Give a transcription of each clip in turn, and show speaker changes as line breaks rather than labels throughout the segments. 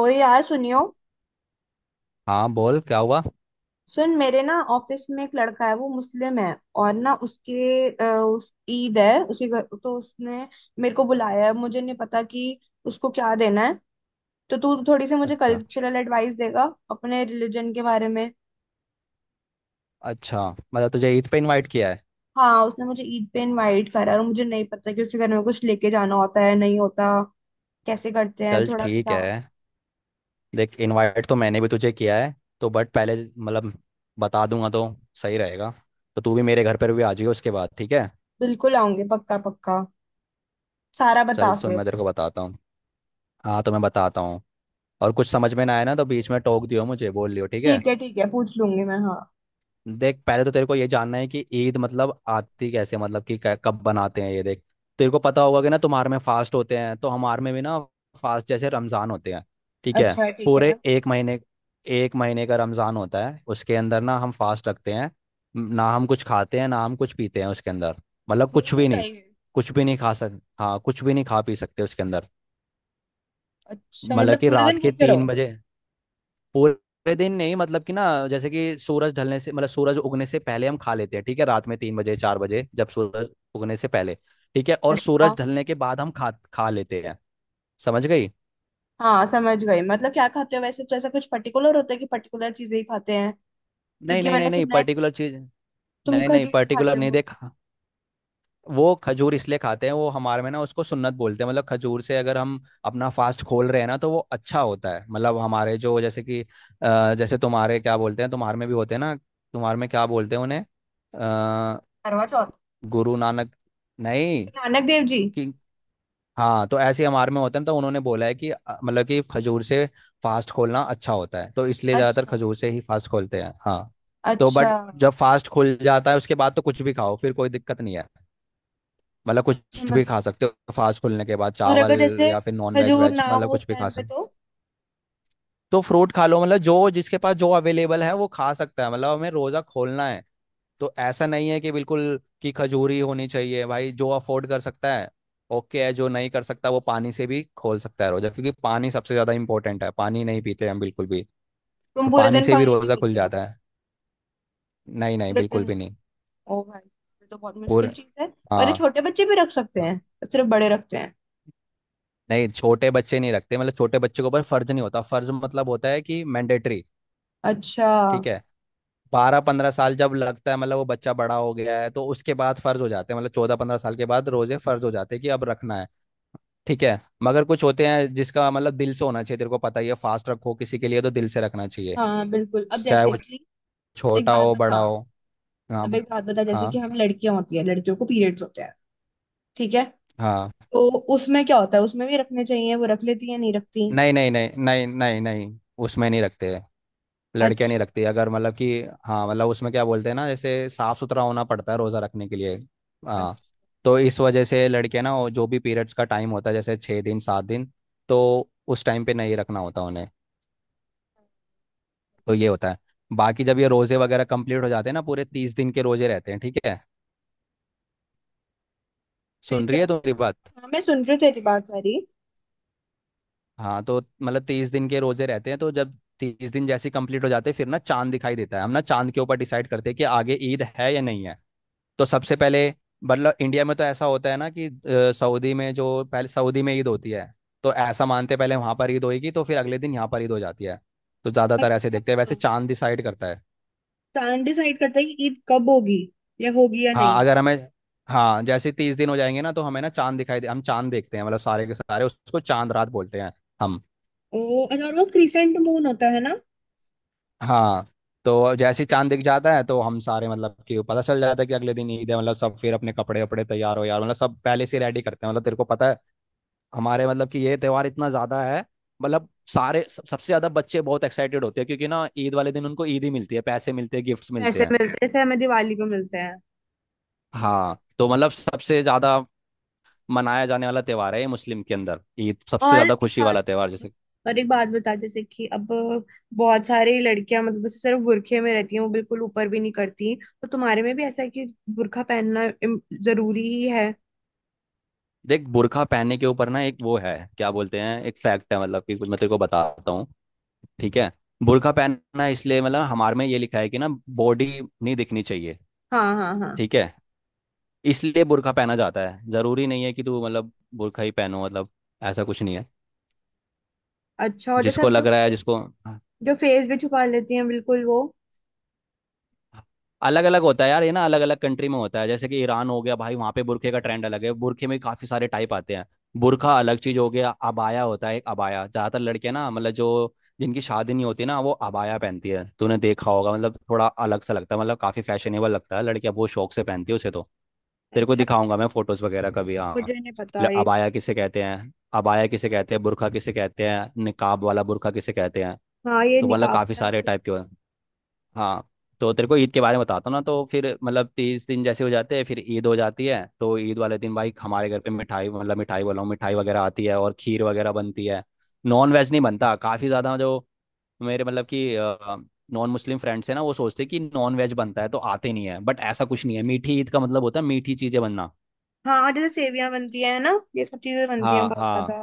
ओए यार सुनियो।
हाँ, बोल क्या हुआ।
सुन, मेरे ना ऑफिस में एक लड़का है, वो मुस्लिम है। और ना उसके उस ईद है उसी घर, तो उसने मेरे को बुलाया है। मुझे नहीं पता कि उसको क्या देना है, तो तू थोड़ी सी मुझे
अच्छा।
कल्चरल एडवाइस देगा अपने रिलीजन के बारे में।
अच्छा, मतलब तुझे ईद पे इनवाइट किया है।
हाँ, उसने मुझे ईद पे इनवाइट करा है, और मुझे नहीं पता कि उसके घर में कुछ लेके जाना होता है नहीं होता। कैसे करते हैं,
चल
थोड़ा
ठीक
बता।
है। देख, इनवाइट तो मैंने भी तुझे किया है, तो बट पहले मतलब बता दूंगा तो सही रहेगा। तो तू भी मेरे घर पर भी आ जाइयो उसके बाद, ठीक है।
बिल्कुल आऊंगी, पक्का पक्का। सारा
चल
बता
सुन,
फिर।
मैं तेरे को बताता हूँ। हाँ तो मैं बताता हूँ। और कुछ समझ में ना आया ना तो बीच में टोक दियो, मुझे बोल लियो, ठीक है।
ठीक है ठीक है, पूछ लूंगी मैं, हाँ।
देख पहले तो तेरे को ये जानना है कि ईद मतलब आती कैसे, मतलब कि कब बनाते हैं ये, देख। तेरे को पता होगा कि ना, तुम्हारे में फास्ट होते हैं तो हमारे में भी ना फास्ट जैसे रमज़ान होते हैं, ठीक है।
अच्छा, ठीक
पूरे
है।
एक महीने, एक महीने का रमज़ान होता है, उसके अंदर ना हम फास्ट रखते हैं। ना हम कुछ खाते हैं ना हम कुछ पीते हैं उसके अंदर, मतलब
रोज
कुछ भी
होता
नहीं।
ही है ये?
कुछ भी नहीं खा सक, हाँ कुछ भी नहीं खा पी सकते उसके अंदर।
अच्छा,
मतलब
मतलब
कि
पूरे
रात
दिन
के
भूखे
तीन
रहो।
बजे पूरे दिन नहीं, मतलब कि ना, जैसे कि सूरज ढलने से, मतलब सूरज उगने से पहले हम खा लेते हैं, ठीक है, रात में 3 बजे 4 बजे जब सूरज उगने से पहले, ठीक है। और
अच्छा।
सूरज ढलने के बाद हम खा खा लेते हैं। समझ गई।
हाँ समझ गई। मतलब क्या खाते हो वैसे, तो ऐसा कुछ पर्टिकुलर होता है कि पर्टिकुलर चीजें ही खाते हैं?
नहीं
क्योंकि
नहीं
मैंने
नहीं नहीं
सुना है कि
पर्टिकुलर चीज,
तुम
नहीं नहीं
खजूर
पर्टिकुलर
खाते
नहीं
हो।
देखा। वो खजूर इसलिए खाते हैं, वो हमारे में ना उसको सुन्नत बोलते हैं। मतलब खजूर से अगर हम अपना फास्ट खोल रहे हैं ना तो वो अच्छा होता है। मतलब हमारे जो जैसे कि जैसे तुम्हारे क्या बोलते हैं, तुम्हारे में भी होते हैं ना, तुम्हारे में क्या बोलते हैं उन्हें।
करवा चौथ।
गुरु नानक, नहीं।
नानक देव जी।
कि हाँ, तो ऐसे हम आर्मी होते हैं तो उन्होंने बोला है कि मतलब कि खजूर से फास्ट खोलना अच्छा होता है, तो इसलिए ज़्यादातर
अच्छा।
खजूर से ही फास्ट खोलते हैं, हाँ। तो
अच्छा,
बट जब फास्ट खुल जाता है उसके बाद तो कुछ भी खाओ, फिर कोई दिक्कत नहीं है। मतलब कुछ भी
समझ।
खा सकते हो फास्ट खुलने के बाद,
और अगर
चावल
जैसे
या फिर नॉन वेज
खजूर
वेज,
ना
मतलब
हो उस
कुछ भी खा
टाइम पे
सकते
तो?
हो। तो फ्रूट खा लो, मतलब जो जिसके पास जो अवेलेबल है वो खा सकता है, मतलब हमें रोज़ा खोलना है। तो ऐसा नहीं है कि बिल्कुल कि खजूरी होनी चाहिए, भाई जो अफोर्ड कर सकता है, ओके है, जो नहीं कर सकता वो पानी से भी खोल सकता है रोजा, क्योंकि पानी सबसे ज्यादा इंपॉर्टेंट है, पानी नहीं पीते हम बिल्कुल भी।
तुम
तो
पूरे
पानी
दिन
से भी
पानी नहीं
रोजा
पीते
खुल
हो?
जाता है। नहीं नहीं,
पूरे
बिल्कुल
दिन?
भी नहीं।
ओ भाई, ये तो बहुत
पूरे,
मुश्किल चीज है। और
हाँ।
ये छोटे बच्चे भी रख सकते
हाँ।
हैं? सिर्फ बड़े रखते हैं?
नहीं, छोटे बच्चे नहीं रखते, मतलब छोटे बच्चे के ऊपर फर्ज नहीं होता। फर्ज मतलब होता है कि मैंडेटरी,
अच्छा।
ठीक है। 12-15 साल जब लगता है मतलब वो बच्चा बड़ा हो गया है, तो उसके बाद फर्ज हो जाते हैं, मतलब 14-15 साल के बाद रोजे फर्ज हो जाते हैं कि अब रखना है, ठीक है। मगर कुछ होते हैं जिसका मतलब दिल से होना चाहिए, तेरे को पता ही है, फास्ट रखो किसी के लिए तो दिल से रखना चाहिए,
हाँ बिल्कुल। अब
चाहे
जैसे
वो
कि एक
छोटा
बात
हो बड़ा
बता।
हो। हाँ
अब एक बात बता, जैसे कि
हाँ।
हम लड़कियां होती है, लड़कियों को पीरियड्स होते हैं। ठीक है,
हाँ।
तो उसमें क्या होता है, उसमें भी रखने चाहिए, वो रख लेती है नहीं रखती?
नहीं नहीं नहीं नहीं नहीं नहीं, उसमें नहीं रखते, लड़कियां
अच्छा।
नहीं रखती अगर मतलब कि। हाँ, मतलब उसमें क्या बोलते हैं ना, जैसे साफ सुथरा होना पड़ता है रोजा रखने के लिए, हाँ।
अच्छा।
तो इस वजह से लड़के ना, वो जो भी पीरियड्स का टाइम होता है जैसे 6 दिन 7 दिन, तो उस टाइम पे नहीं रखना होता उन्हें, तो ये होता है। बाकी जब ये रोजे वगैरह कंप्लीट हो जाते हैं ना, पूरे 30 दिन के रोजे रहते हैं, ठीक है।
फिर
सुन
क्या
रही है तो
होता
मेरी बात?
है? हाँ मैं सुन रही हूँ तेरी बात सारी।
हाँ, तो मतलब 30 दिन के रोजे रहते हैं, तो जब 30 दिन जैसे कंप्लीट हो जाते हैं, फिर ना चांद दिखाई देता है, हम ना चांद के ऊपर डिसाइड करते हैं कि आगे ईद है या नहीं है। तो सबसे पहले मतलब इंडिया में तो ऐसा होता है ना कि सऊदी में जो, पहले सऊदी में ईद होती है, तो ऐसा मानते हैं पहले वहां पर ईद होगी तो फिर अगले दिन यहाँ पर ईद हो जाती है। तो ज्यादातर ऐसे
अच्छा।
देखते हैं, वैसे चांद डिसाइड करता है।
चांद डिसाइड करता है कि ईद कब होगी या
हाँ
नहीं?
अगर हमें, हाँ जैसे तीस दिन हो जाएंगे ना तो हमें ना चांद दिखाई दे, हम चांद देखते हैं, मतलब सारे के सारे, उसको चांद रात बोलते हैं हम।
ओ अच्छा, और वो क्रिसेंट मून होता है ना।
हाँ, तो जैसे ही चांद दिख जाता है तो हम सारे मतलब कि पता चल जाता है कि अगले दिन ईद है, मतलब सब फिर अपने कपड़े वपड़े तैयार हो यार, मतलब सब पहले से रेडी करते हैं, मतलब तेरे को पता है, हमारे मतलब कि ये त्योहार इतना ज्यादा है, मतलब सारे सब, सबसे ज्यादा बच्चे बहुत एक्साइटेड होते हैं क्योंकि ना ईद वाले दिन उनको ईद ही मिलती है, पैसे मिलते हैं गिफ्ट्स
पैसे
मिलते हैं।
मिलते हैं जैसे हमें दिवाली को मिलते हैं।
हाँ तो मतलब सबसे ज्यादा मनाया जाने वाला त्यौहार है ये मुस्लिम के अंदर, ईद सबसे
और
ज्यादा
एक
खुशी
बात।
वाला त्यौहार जैसे।
और एक बात बता, जैसे कि अब बहुत सारी लड़कियां मतलब बस सिर्फ बुरखे में रहती हैं, वो बिल्कुल ऊपर भी नहीं करती। तो तुम्हारे में भी ऐसा है कि बुरखा पहनना जरूरी ही है?
देख बुर्का पहनने के ऊपर ना, एक वो है क्या बोलते हैं, एक फैक्ट है, मतलब कि कुछ मैं तेरे को बताता हूँ, ठीक है। बुर्का पहनना इसलिए, मतलब हमारे में ये लिखा है कि ना, बॉडी नहीं दिखनी चाहिए,
हाँ हाँ हाँ।
ठीक है, इसलिए बुर्का पहना जाता है। जरूरी नहीं है कि तू मतलब बुर्का ही पहनो, मतलब ऐसा कुछ नहीं है,
अच्छा, और जैसे
जिसको
अब जो
लग रहा है जिसको।
जो फेस भी छुपा लेती हैं बिल्कुल वो।
अलग अलग होता है यार ये, ना अलग अलग कंट्री में होता है, जैसे कि ईरान हो गया, भाई वहाँ पे बुरखे का ट्रेंड अलग है, बुरखे में काफी सारे टाइप आते हैं। बुरखा अलग चीज हो गया, अबाया होता है एक, अबाया ज्यादातर लड़कियां ना मतलब जो जिनकी शादी नहीं होती ना, वो अबाया पहनती है, तूने देखा होगा मतलब थोड़ा अलग सा लगता है, मतलब काफी फैशनेबल लगता है, लड़कियां बहुत शौक से पहनती है उसे, तो तेरे को
अच्छा,
दिखाऊंगा मैं फोटोज वगैरह कभी,
मुझे
हाँ।
नहीं पता ये।
अबाया किसे कहते हैं, अबाया किसे कहते हैं, बुरखा किसे कहते हैं, निकाब वाला बुरखा किसे कहते हैं,
हाँ, ये
तो मतलब
निकाब
काफी
वाला
सारे
तो-।
टाइप के हाँ। तो तेरे को ईद के बारे में बताता हूँ ना, तो फिर मतलब तीस दिन जैसे हो जाते हैं फिर ईद हो जाती है, तो ईद वाले दिन भाई हमारे घर पे मिठाई, मतलब मिठाई बोला हूँ, मिठाई वगैरह आती है और खीर वगैरह बनती है। नॉन वेज नहीं बनता काफ़ी ज़्यादा, जो मेरे मतलब कि नॉन मुस्लिम फ्रेंड्स हैं ना, वो सोचते हैं कि नॉन वेज बनता है तो आते नहीं है, बट ऐसा कुछ नहीं है, मीठी ईद का मतलब होता है मीठी चीज़ें बनना।
हाँ, और जैसे सेवियां बनती है ना, ये सब चीजें बनती हैं
हाँ
बहुत ज्यादा।
हाँ।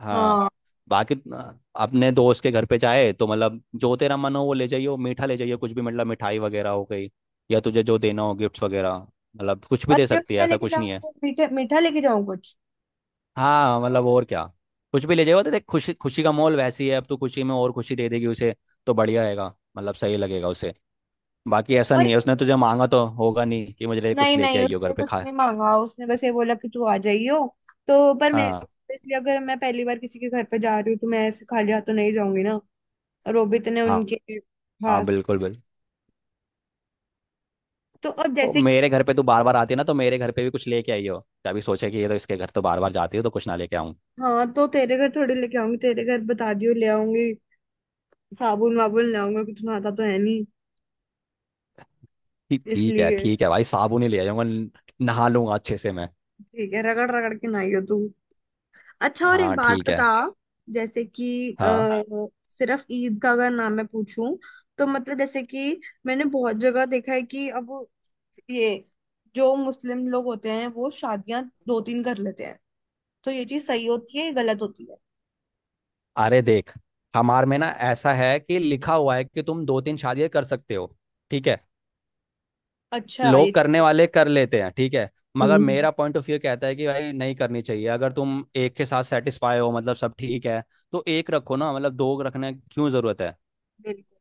हाँ।
हाँ।
बाकी अपने दोस्त के घर पे जाए तो मतलब जो तेरा मन हो वो ले जाइयो, मीठा ले जाइयो कुछ भी, मतलब मिठाई वगैरह हो गई, या तुझे जो देना हो गिफ्ट्स वगैरह, मतलब कुछ भी
और
दे
गिफ्ट
सकती है,
क्या
ऐसा
लेके
कुछ नहीं है।
जाऊँ? मीठा मीठा लेके जाऊँ कुछ?
हाँ मतलब और क्या, कुछ भी ले जाइयो। तो देख खुशी खुशी का माहौल वैसी है, अब तू खुशी में और खुशी दे देगी उसे, तो बढ़िया रहेगा, मतलब सही लगेगा उसे। बाकी ऐसा
और
नहीं है, उसने तुझे मांगा तो होगा नहीं कि मुझे कुछ
नहीं
लेके
नहीं,
आइयो घर
उसने
पे,
कुछ
खा।
नहीं मांगा। उसने बस ये बोला कि तू आ जाइयो। तो पर मैं,
हाँ।
इसलिए अगर मैं पहली बार किसी के घर पे जा रही हूँ तो मैं ऐसे खाली हाथ तो नहीं जाऊंगी ना। और वो भी इतने
हाँ,
उनके
हाँ
खास।
बिल्कुल बिल्कुल।
तो अब
तो
जैसे कि-।
मेरे घर पे तू बार बार आती है ना, तो मेरे घर पे भी कुछ लेके आई हो, कभी सोचे कि ये तो इसके घर तो बार बार जाती है तो कुछ ना लेके आऊं।
हाँ, तो तेरे घर थोड़ी लेके आऊंगी, तेरे घर बता दियो ले आऊंगी। साबुन वाबुन ले आऊंगी, कि तू नहाता तो है नहीं
ठीक ठीक है,
इसलिए।
ठीक है भाई, साबुन ही ले जाऊंगा नहा लूंगा अच्छे से मैं।
ठीक है, रगड़ रगड़ के नहाइयो तू। अच्छा और एक
हाँ
बात
ठीक है।
बता, जैसे कि
हाँ।
आ, सिर्फ ईद का अगर नाम मैं पूछूं तो, मतलब जैसे कि मैंने बहुत जगह देखा है कि अब ये जो मुस्लिम लोग होते हैं वो शादियां दो तीन कर लेते हैं। तो ये चीज सही होती है ये गलत होती है?
अरे देख, हमार में ना ऐसा है कि लिखा हुआ है कि तुम 2-3 शादियां कर सकते हो, ठीक है।
अच्छा, ये
लोग करने
चीज़।
वाले कर लेते हैं, ठीक है। मगर
हम्म।
मेरा पॉइंट ऑफ व्यू कहता है कि भाई नहीं करनी चाहिए, अगर तुम एक के साथ सेटिस्फाई हो मतलब सब ठीक है, तो एक रखो ना, मतलब दो रखने की क्यों जरूरत है।
बिल्कुल।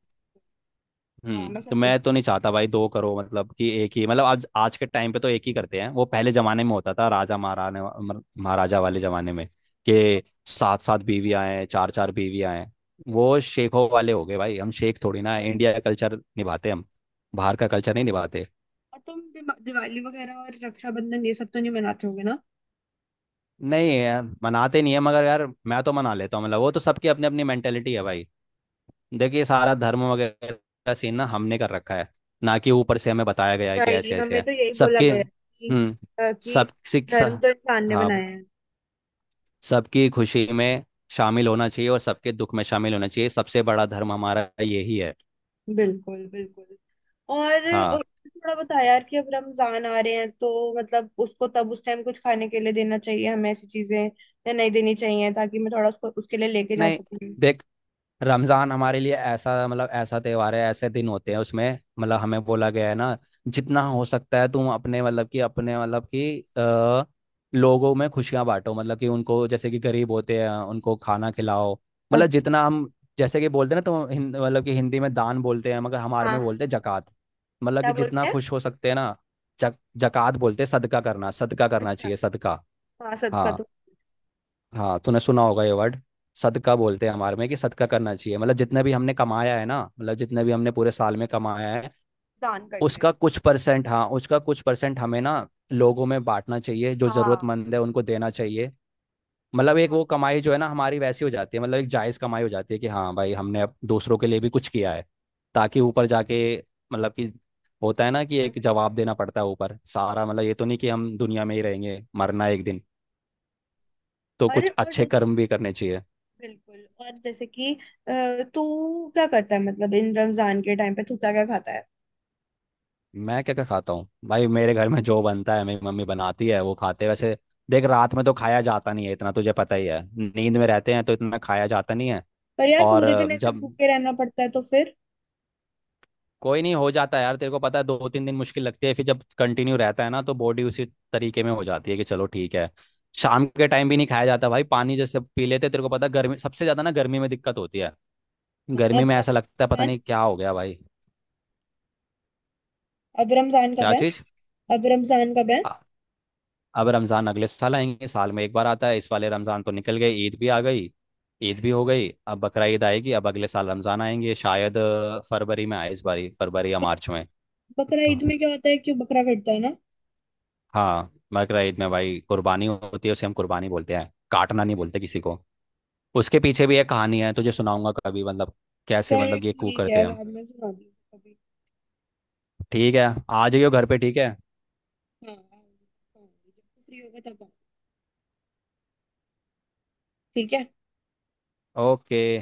हाँ मैं
हम्म,
समझ
तो
गई।
मैं तो नहीं चाहता भाई दो करो, मतलब कि एक ही, मतलब आज आज के टाइम पे तो एक ही करते हैं, वो पहले जमाने में होता था राजा महाराजा वाले जमाने में कि 7-7 बीवियां हैं, 4-4 बीवियां हैं, वो शेखों वाले हो गए, भाई हम शेख थोड़ी ना हैं, इंडिया का कल्चर निभाते हैं हम, बाहर का कल्चर
हाँ।
नहीं निभाते।
और तुम दिवाली वगैरह और रक्षाबंधन ये सब तो नहीं मनाते होगे ना?
नहीं यार मनाते नहीं है, मगर यार मैं तो मना लेता हूँ, मतलब वो तो सबकी अपनी अपनी मेंटेलिटी है भाई। देखिए सारा धर्म वगैरह का सीन ना हमने कर रखा है ना, कि ऊपर से हमें बताया गया है कि
नहीं,
ऐसे ऐसे
हमें
है।
तो यही बोला
सबके,
गया है कि,
हम्म। सब
कि
सिख सा-
धर्म तो इंसान ने
हाँ।
बनाया है।
सबकी खुशी में शामिल होना चाहिए और सबके दुख में शामिल होना चाहिए, सबसे बड़ा धर्म हमारा यही है।
बिल्कुल बिल्कुल। और
हाँ।
थोड़ा बता यार कि अब रमजान आ रहे हैं तो मतलब उसको तब उस टाइम कुछ खाने के लिए देना चाहिए हमें ऐसी चीजें या नहीं देनी चाहिए, ताकि मैं थोड़ा उसको उसके लिए लेके जा
नहीं
सकूं।
देख, रमजान हमारे लिए ऐसा मतलब ऐसा त्योहार है, ऐसे दिन होते हैं उसमें, मतलब हमें बोला गया है ना, जितना हो सकता है तुम अपने मतलब कि लोगों में खुशियां बांटो, मतलब कि उनको, जैसे कि गरीब होते हैं उनको खाना खिलाओ, मतलब
अच्छा।
जितना हम, जैसे कि बोलते हैं ना तो हिंद मतलब कि हिंदी में दान बोलते हैं, मगर हमारे
हाँ
में
हाँ हाँ
बोलते हैं
हाँ।
जकात, मतलब
क्या
कि
बोलते
जितना
हैं?
खुश हो सकते हैं ना, जकात बोलते हैं, सदका करना, सदका करना
अच्छा।
चाहिए, सदका।
हाँ सदका तो
हाँ। हाँ तूने सुना होगा ये वर्ड, सदका बोलते हैं हमारे में कि सदका करना चाहिए, मतलब जितने भी हमने कमाया है ना, मतलब जितने भी हमने पूरे साल में कमाया है,
दान कर दिया।
उसका कुछ परसेंट, हाँ उसका कुछ परसेंट हमें ना लोगों में बांटना चाहिए, जो
हाँ।
जरूरतमंद है उनको देना चाहिए, मतलब एक
हाँ
वो कमाई जो है ना हमारी वैसी हो जाती है, मतलब एक जायज कमाई हो जाती है कि हाँ भाई हमने अब दूसरों के लिए भी कुछ किया है, ताकि ऊपर जाके मतलब कि, होता है ना कि
खा
एक
सकते हैं।
जवाब देना पड़ता है ऊपर सारा, मतलब ये तो नहीं कि हम दुनिया में ही रहेंगे, मरना है एक दिन, तो कुछ
और
अच्छे
जैसे,
कर्म भी करने चाहिए।
बिल्कुल और जैसे कि तू क्या करता है मतलब इन रमजान के टाइम पे तू क्या क्या खाता है?
मैं क्या क्या खाता हूँ भाई, मेरे घर में जो बनता है मेरी मम्मी बनाती है, वो खाते हैं वैसे। देख रात में तो खाया जाता नहीं है इतना, तुझे पता ही है, नींद में रहते हैं तो इतना खाया जाता नहीं है।
पर यार
और
पूरे दिन ऐसे
जब
भूखे रहना पड़ता है तो फिर?
कोई नहीं हो जाता है यार, तेरे को पता है 2-3 दिन मुश्किल लगती है, फिर जब कंटिन्यू रहता है ना तो बॉडी उसी तरीके में हो जाती है कि चलो ठीक है। शाम के टाइम भी नहीं खाया जाता भाई, पानी जैसे पी लेते हैं, तेरे को पता है गर्मी सबसे ज़्यादा, ना गर्मी में दिक्कत होती है,
अब
गर्मी में
कब है
ऐसा लगता है पता
रमजान?
नहीं क्या हो गया भाई।
अब रमजान कब
क्या
है?
चीज़?
अब रमजान का है?
अब रमज़ान अगले साल आएंगे, साल में एक बार आता है, इस वाले रमज़ान तो निकल गए, ईद भी आ गई, ईद भी हो गई, अब बकरा ईद आएगी, अब अगले साल रमज़ान आएंगे, शायद फरवरी में आए इस बारी, फरवरी या मार्च में
बकरा
तो।
ईद में क्या होता है, कि बकरा कटता है ना?
हाँ बकरा ईद में भाई कुर्बानी होती है, उसे हम कुर्बानी बोलते हैं, काटना नहीं बोलते किसी को। उसके पीछे भी एक कहानी है, तुझे सुनाऊंगा कभी, मतलब कैसे
चल
मतलब ये कू
ठीक
करते
है,
हैं हम।
बाद में सुना दी कभी।
ठीक है आ जाइयो घर पे, ठीक है।
हाँ आऊंगी, आऊंगी, जब फ्री होगा तब आऊंगी, ठीक है।
ओके।